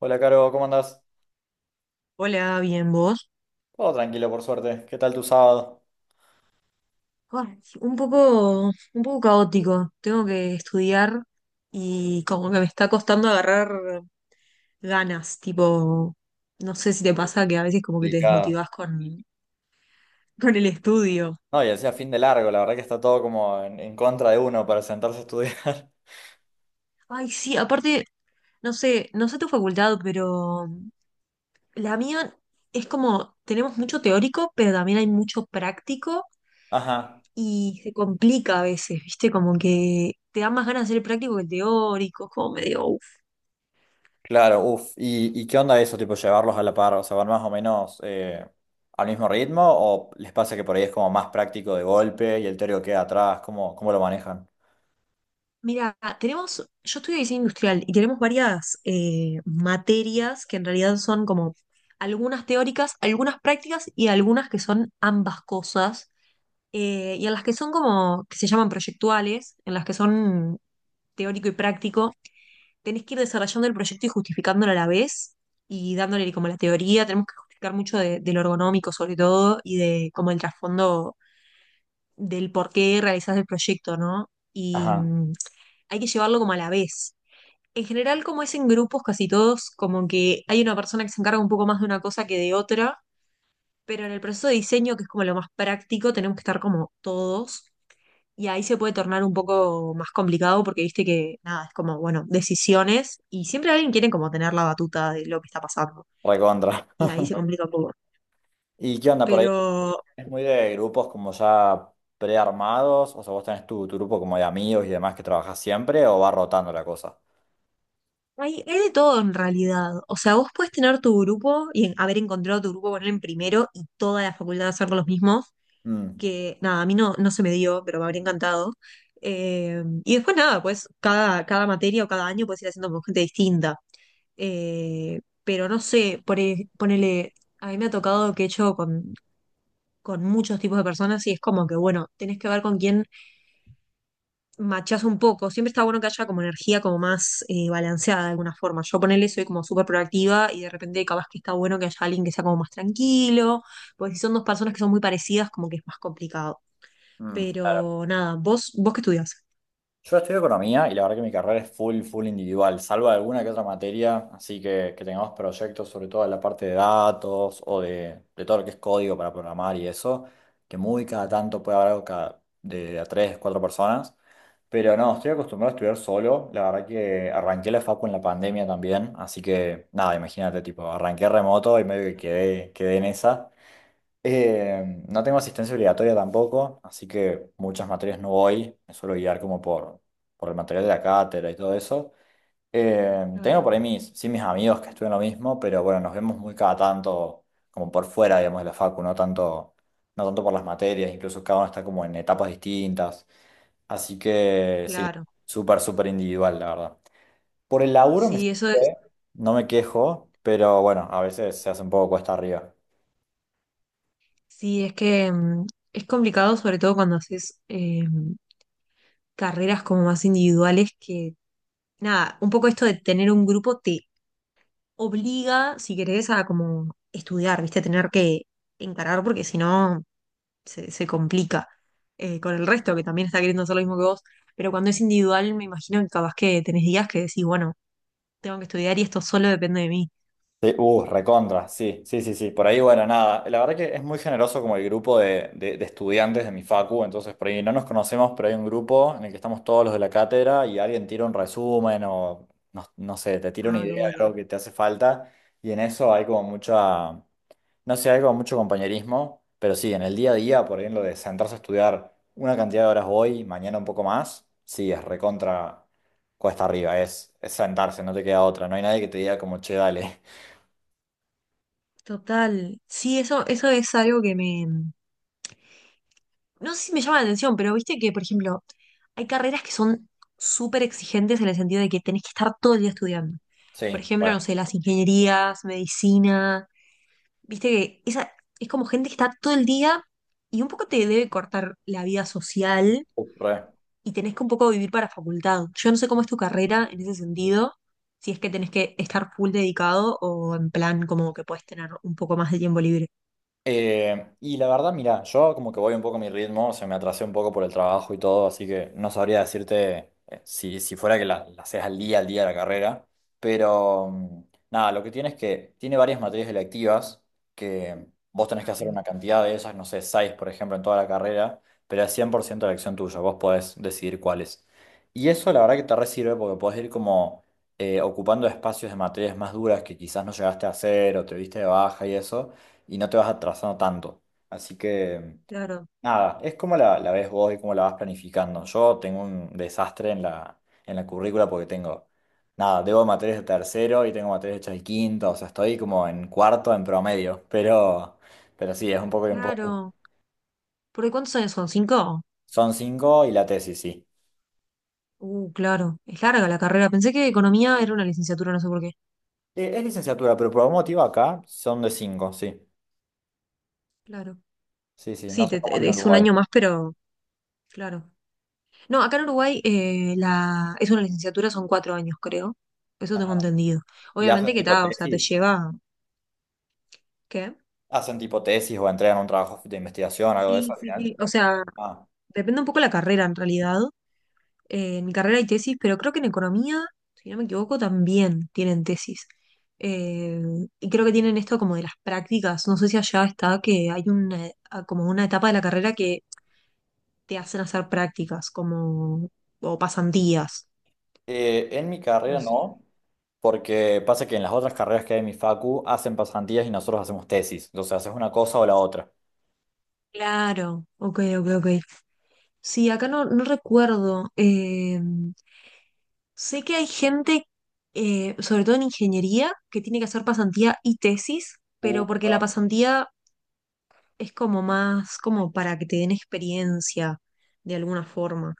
Hola, Caro, ¿cómo andás? Hola, bien, ¿vos? Todo tranquilo, por suerte. ¿Qué tal tu sábado? Ah, un poco caótico. Tengo que estudiar y como que me está costando agarrar ganas. Tipo, no sé si te pasa que a veces como que te Complicado. desmotivás con el estudio. No, y decía fin de largo, la verdad que está todo como en contra de uno para sentarse a estudiar. Ay, sí, aparte, no sé tu facultad, pero la mía es como, tenemos mucho teórico, pero también hay mucho práctico Ajá. y se complica a veces, ¿viste? Como que te da más ganas de hacer el práctico que el teórico, es como medio. Claro, uff. ¿Y qué onda eso, tipo llevarlos a la par? O sea, ¿van más o menos al mismo ritmo? ¿O les pasa que por ahí es como más práctico de golpe y el teórico queda atrás? ¿Cómo lo manejan? Mira, tenemos, yo estudio diseño industrial y tenemos varias materias que en realidad son como algunas teóricas, algunas prácticas y algunas que son ambas cosas, y en las que son como, que se llaman proyectuales, en las que son teórico y práctico, tenés que ir desarrollando el proyecto y justificándolo a la vez y dándole como la teoría, tenemos que justificar mucho de lo ergonómico sobre todo y de como el trasfondo del por qué realizás el proyecto, ¿no? Ajá. Hay que llevarlo como a la vez. En general, como es en grupos, casi todos, como que hay una persona que se encarga un poco más de una cosa que de otra, pero en el proceso de diseño, que es como lo más práctico, tenemos que estar como todos, y ahí se puede tornar un poco más complicado porque viste que, nada, es como, bueno, decisiones, y siempre alguien quiere como tener la batuta de lo que está pasando, Recontra. y ahí se complica un poco. ¿Y qué onda por Pero ahí? ¿Es muy de grupos como ya prearmados? O sea, ¿vos tenés tu grupo como de amigos y demás que trabajás siempre o va rotando la cosa? hay de todo en realidad, o sea, vos puedes tener tu grupo y haber encontrado tu grupo, ponerlo en primero y toda la facultad hacer los mismos, Mm, que nada, a mí no, no se me dio, pero me habría encantado. Y después nada, pues cada materia o cada año puedes ir haciendo con gente distinta. Pero no sé, ponele, a mí me ha tocado que he hecho con muchos tipos de personas y es como que, bueno, tenés que ver con quién machás un poco. Siempre está bueno que haya como energía como más balanceada de alguna forma. Yo ponele, soy como súper proactiva y de repente capaz que está bueno que haya alguien que sea como más tranquilo, porque si son dos personas que son muy parecidas, como que es más complicado. mm. Claro. Pero nada, vos qué estudias. Yo estudio economía y la verdad que mi carrera es full, full individual, salvo alguna que otra materia, así que tengamos proyectos sobre todo en la parte de datos o de todo lo que es código para programar y eso, que muy cada tanto puede haber algo cada, de, a tres, cuatro personas, pero no, estoy acostumbrado a estudiar solo, la verdad que arranqué la facu en la pandemia también, así que nada, imagínate, tipo, arranqué remoto y medio que quedé en esa. No tengo asistencia obligatoria tampoco, así que muchas materias no voy, me suelo guiar como por el material de la cátedra y todo eso. Claro, Tengo por ahí mis, sí, mis amigos que estudian lo mismo, pero bueno, nos vemos muy cada tanto, como por fuera, digamos, de la facu, no tanto, no tanto por las materias, incluso cada uno está como en etapas distintas. Así que sí, claro. súper, súper individual, la verdad. Por el laburo me Sí, eso es, sirve, no me quejo, pero bueno, a veces se hace un poco cuesta arriba. sí, es que es complicado, sobre todo cuando haces carreras como más individuales, que nada, un poco esto de tener un grupo te obliga, si querés, a como estudiar, ¿viste? Tener que encarar, porque si no se complica con el resto, que también está queriendo hacer lo mismo que vos. Pero cuando es individual, me imagino que capaz que tenés días que decís, bueno, tengo que estudiar y esto solo depende de mí. Sí, recontra, sí, sí, sí, sí. Por ahí, bueno, nada. La verdad que es muy generoso como el grupo de estudiantes de mi facu, entonces por ahí no nos conocemos, pero hay un grupo en el que estamos todos los de la cátedra y alguien tira un resumen o no, no sé, te tira una Ah, qué idea de bueno. algo que te hace falta y en eso hay como mucha, no sé, hay como mucho compañerismo, pero sí, en el día a día, por ahí en lo de sentarse a estudiar una cantidad de horas hoy, mañana un poco más, sí, es recontra cuesta arriba, es sentarse, no te queda otra, no hay nadie que te diga como, che, dale. Total. Sí, eso es algo que me. No sé si me llama la atención, pero viste que, por ejemplo, hay carreras que son súper exigentes en el sentido de que tenés que estar todo el día estudiando. Por Sì, ejemplo, no re, sé, las ingenierías, medicina. Viste que esa es como gente que está todo el día y un poco te debe cortar la vida social re. y tenés que un poco vivir para facultad. Yo no sé cómo es tu carrera en ese sentido, si es que tenés que estar full dedicado o en plan como que puedes tener un poco más de tiempo libre. Y la verdad, mira, yo como que voy un poco a mi ritmo, se me atrasé un poco por el trabajo y todo, así que no sabría decirte si, si fuera que la, haces al día de la carrera, pero nada, lo que tiene es que tiene varias materias electivas que vos tenés que hacer Ah, una cantidad de ellas, no sé, seis por ejemplo en toda la carrera, pero es 100% elección tuya, vos podés decidir cuáles. Y eso la verdad que te re sirve porque podés ir como ocupando espacios de materias más duras que quizás no llegaste a hacer o te viste de baja y eso y no te vas atrasando tanto. Así que, claro. nada, es como la, ves vos y cómo la vas planificando. Yo tengo un desastre en la currícula porque tengo, nada, debo materias de tercero y tengo materias hechas de quinto, o sea, estoy como en cuarto en promedio, pero sí, es un poco y un poco. Claro. ¿Porque cuántos años son? ¿Cinco? Son cinco y la tesis, sí. Claro. Es larga la carrera. Pensé que economía era una licenciatura, no sé por qué. Es licenciatura, pero por algún motivo acá son de cinco, sí. Claro. Sí, sí, no Sí, sé cómo es en es un Uruguay. año más, pero claro. No, acá en Uruguay es una licenciatura, son 4 años, creo. Eso Ajá. tengo entendido. ¿Y Obviamente hacen que tipo está, o sea, te tesis? lleva. ¿Qué? ¿Hacen tipo tesis o entregan un trabajo de investigación, algo de eso Sí, al sí, final? sí. O sea, Ah. depende un poco la carrera en realidad. En mi carrera hay tesis, pero creo que en economía, si no me equivoco, también tienen tesis. Eh, y creo que tienen esto como de las prácticas. No sé si allá está que hay una, como una etapa de la carrera que te hacen hacer prácticas, como, o pasantías. En mi No carrera sé. No, porque pasa que en las otras carreras que hay en mi facu hacen pasantías y nosotros hacemos tesis. Entonces haces una cosa o la otra. Claro, ok, ok, ok. Sí, acá no, no recuerdo. Sé que hay gente, sobre todo en ingeniería, que tiene que hacer pasantía y tesis, pero porque la Cagando. pasantía es como más como para que te den experiencia de alguna forma.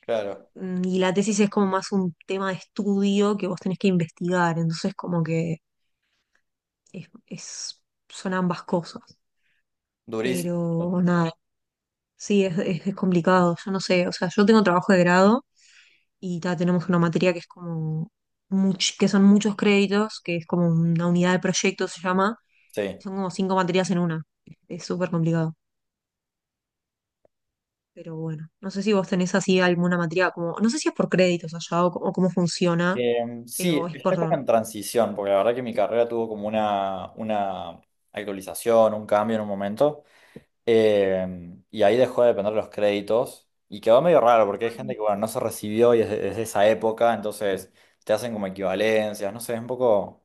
Claro, Mm, y la tesis es como más un tema de estudio que vos tenés que investigar, entonces como que es, es- son ambas cosas. durísimo. Pero nada, sí, es complicado, yo no sé, o sea, yo tengo trabajo de grado y ta, tenemos una materia que es como, que son muchos créditos, que es como una unidad de proyecto se llama, Sí. y son como cinco materias en una, es súper complicado. Pero bueno, no sé si vos tenés así alguna materia como, no sé si es por créditos allá o, o cómo funciona, o Sí, es está como por. en transición, porque la verdad que mi carrera tuvo como una, actualización, un cambio en un momento, y ahí dejó de depender los créditos, y quedó medio raro, porque hay gente que, bueno, no se recibió y es de, es esa época, entonces te hacen como equivalencias, no sé, es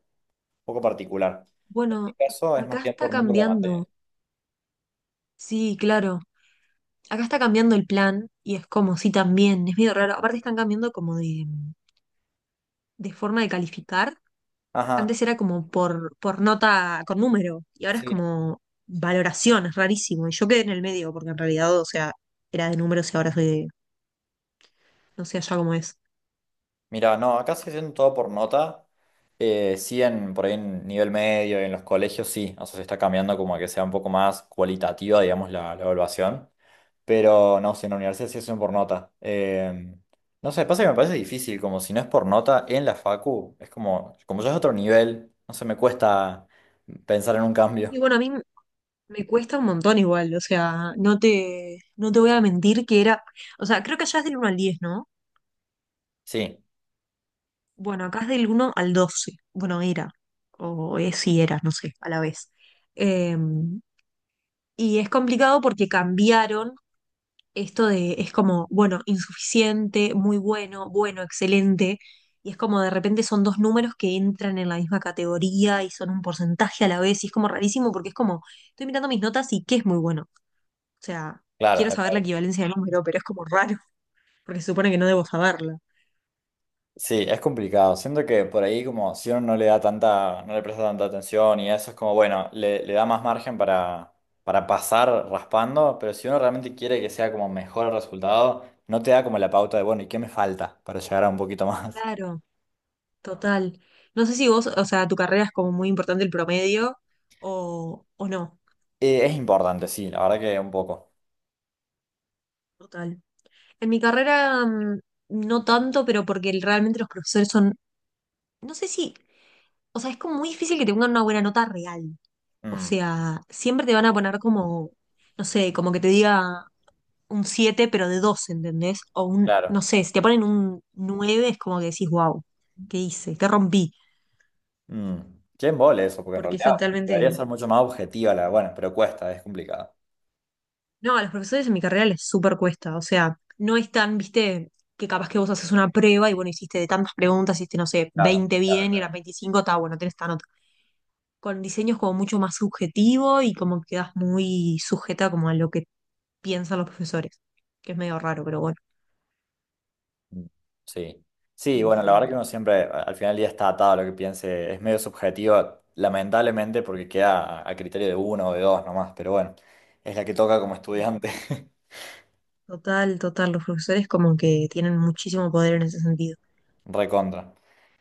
un poco particular. Bueno, Caso es más acá bien está por número de material. cambiando, sí, claro, acá está cambiando el plan y es como, sí, también, es medio raro, aparte están cambiando como de forma de calificar, Ajá, antes era como por nota con número y ahora es sí. como valoración, es rarísimo, y yo quedé en el medio porque en realidad, o sea, era de números y ahora soy de, no sé allá cómo es. Mira, no, acá se haciendo todo por nota. Sí, por ahí en nivel medio, en los colegios sí. O sea, se está cambiando como a que sea un poco más cualitativa, digamos, la, evaluación. Pero no, si en la universidad sí hacen por nota. No sé, pasa que me parece difícil, como si no es por nota en la facu, es como ya es otro nivel, no se me cuesta pensar en un Y cambio. bueno, a mí me cuesta un montón igual, o sea, no te voy a mentir que era, o sea, creo que allá es del 1 al 10, ¿no? Sí, Bueno, acá es del 1 al 12, bueno, era, o es si era, no sé, a la vez. Eh, y es complicado porque cambiaron esto de, es como, bueno, insuficiente, muy bueno, bueno, excelente, y es como de repente son dos números que entran en la misma categoría y son un porcentaje a la vez, y es como rarísimo porque es como, estoy mirando mis notas y qué es muy bueno. O sea, claro. quiero saber la equivalencia del número, pero es como raro, porque se supone que no debo saberla. Sí, es complicado. Siento que por ahí como si uno no le da tanta, no le presta tanta atención y eso es como, bueno, le, da más margen para pasar raspando, pero si uno realmente quiere que sea como mejor el resultado, no te da como la pauta de, bueno, ¿y qué me falta para llegar a un poquito más? Claro, total. No sé si vos, o sea, tu carrera es como muy importante el promedio o no. Es importante, sí, la verdad que un poco. Total. En mi carrera no tanto, pero porque realmente los profesores son, no sé si, o sea, es como muy difícil que te pongan una buena nota real. O Mm, sea, siempre te van a poner como, no sé, como que te diga un 7 pero de 2, ¿entendés? O un, no claro. sé, si te ponen un 9 es como que decís, wow, ¿qué hice? ¿Qué rompí? Mm. Qué embole eso, porque en Porque eso realidad debería totalmente. ser mucho más objetiva la, bueno, pero cuesta, es complicado. No, a los profesores en mi carrera les súper cuesta, o sea, no es tan, viste, que capaz que vos haces una prueba y bueno, hiciste de tantas preguntas, hiciste, no sé, Claro, 20 claro, bien y a las claro. 25 está bueno, tenés esta nota. Con diseños como mucho más subjetivo y como quedas muy sujeta como a lo que piensan los profesores, que es medio raro, pero bueno, Mm, sí, sí, en bueno, la verdad fin. que uno siempre al final del día está atado a lo que piense, es medio subjetivo, lamentablemente, porque queda a, criterio de uno o de dos nomás, pero bueno, es la que toca como estudiante, Total, total. Los profesores como que tienen muchísimo poder en ese sentido. recontra.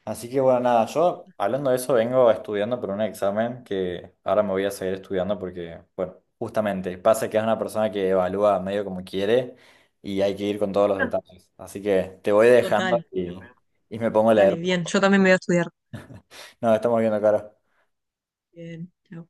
Así que bueno, nada, yo hablando de eso vengo estudiando por un examen que ahora me voy a seguir estudiando porque, bueno, justamente pasa que es una persona que evalúa medio como quiere y hay que ir con todos los Ah, detalles. Así que te voy dejando total. y me pongo a Dale, leer. bien. Yo también me voy a estudiar. No, estamos viendo, Caro. Bien. Chao.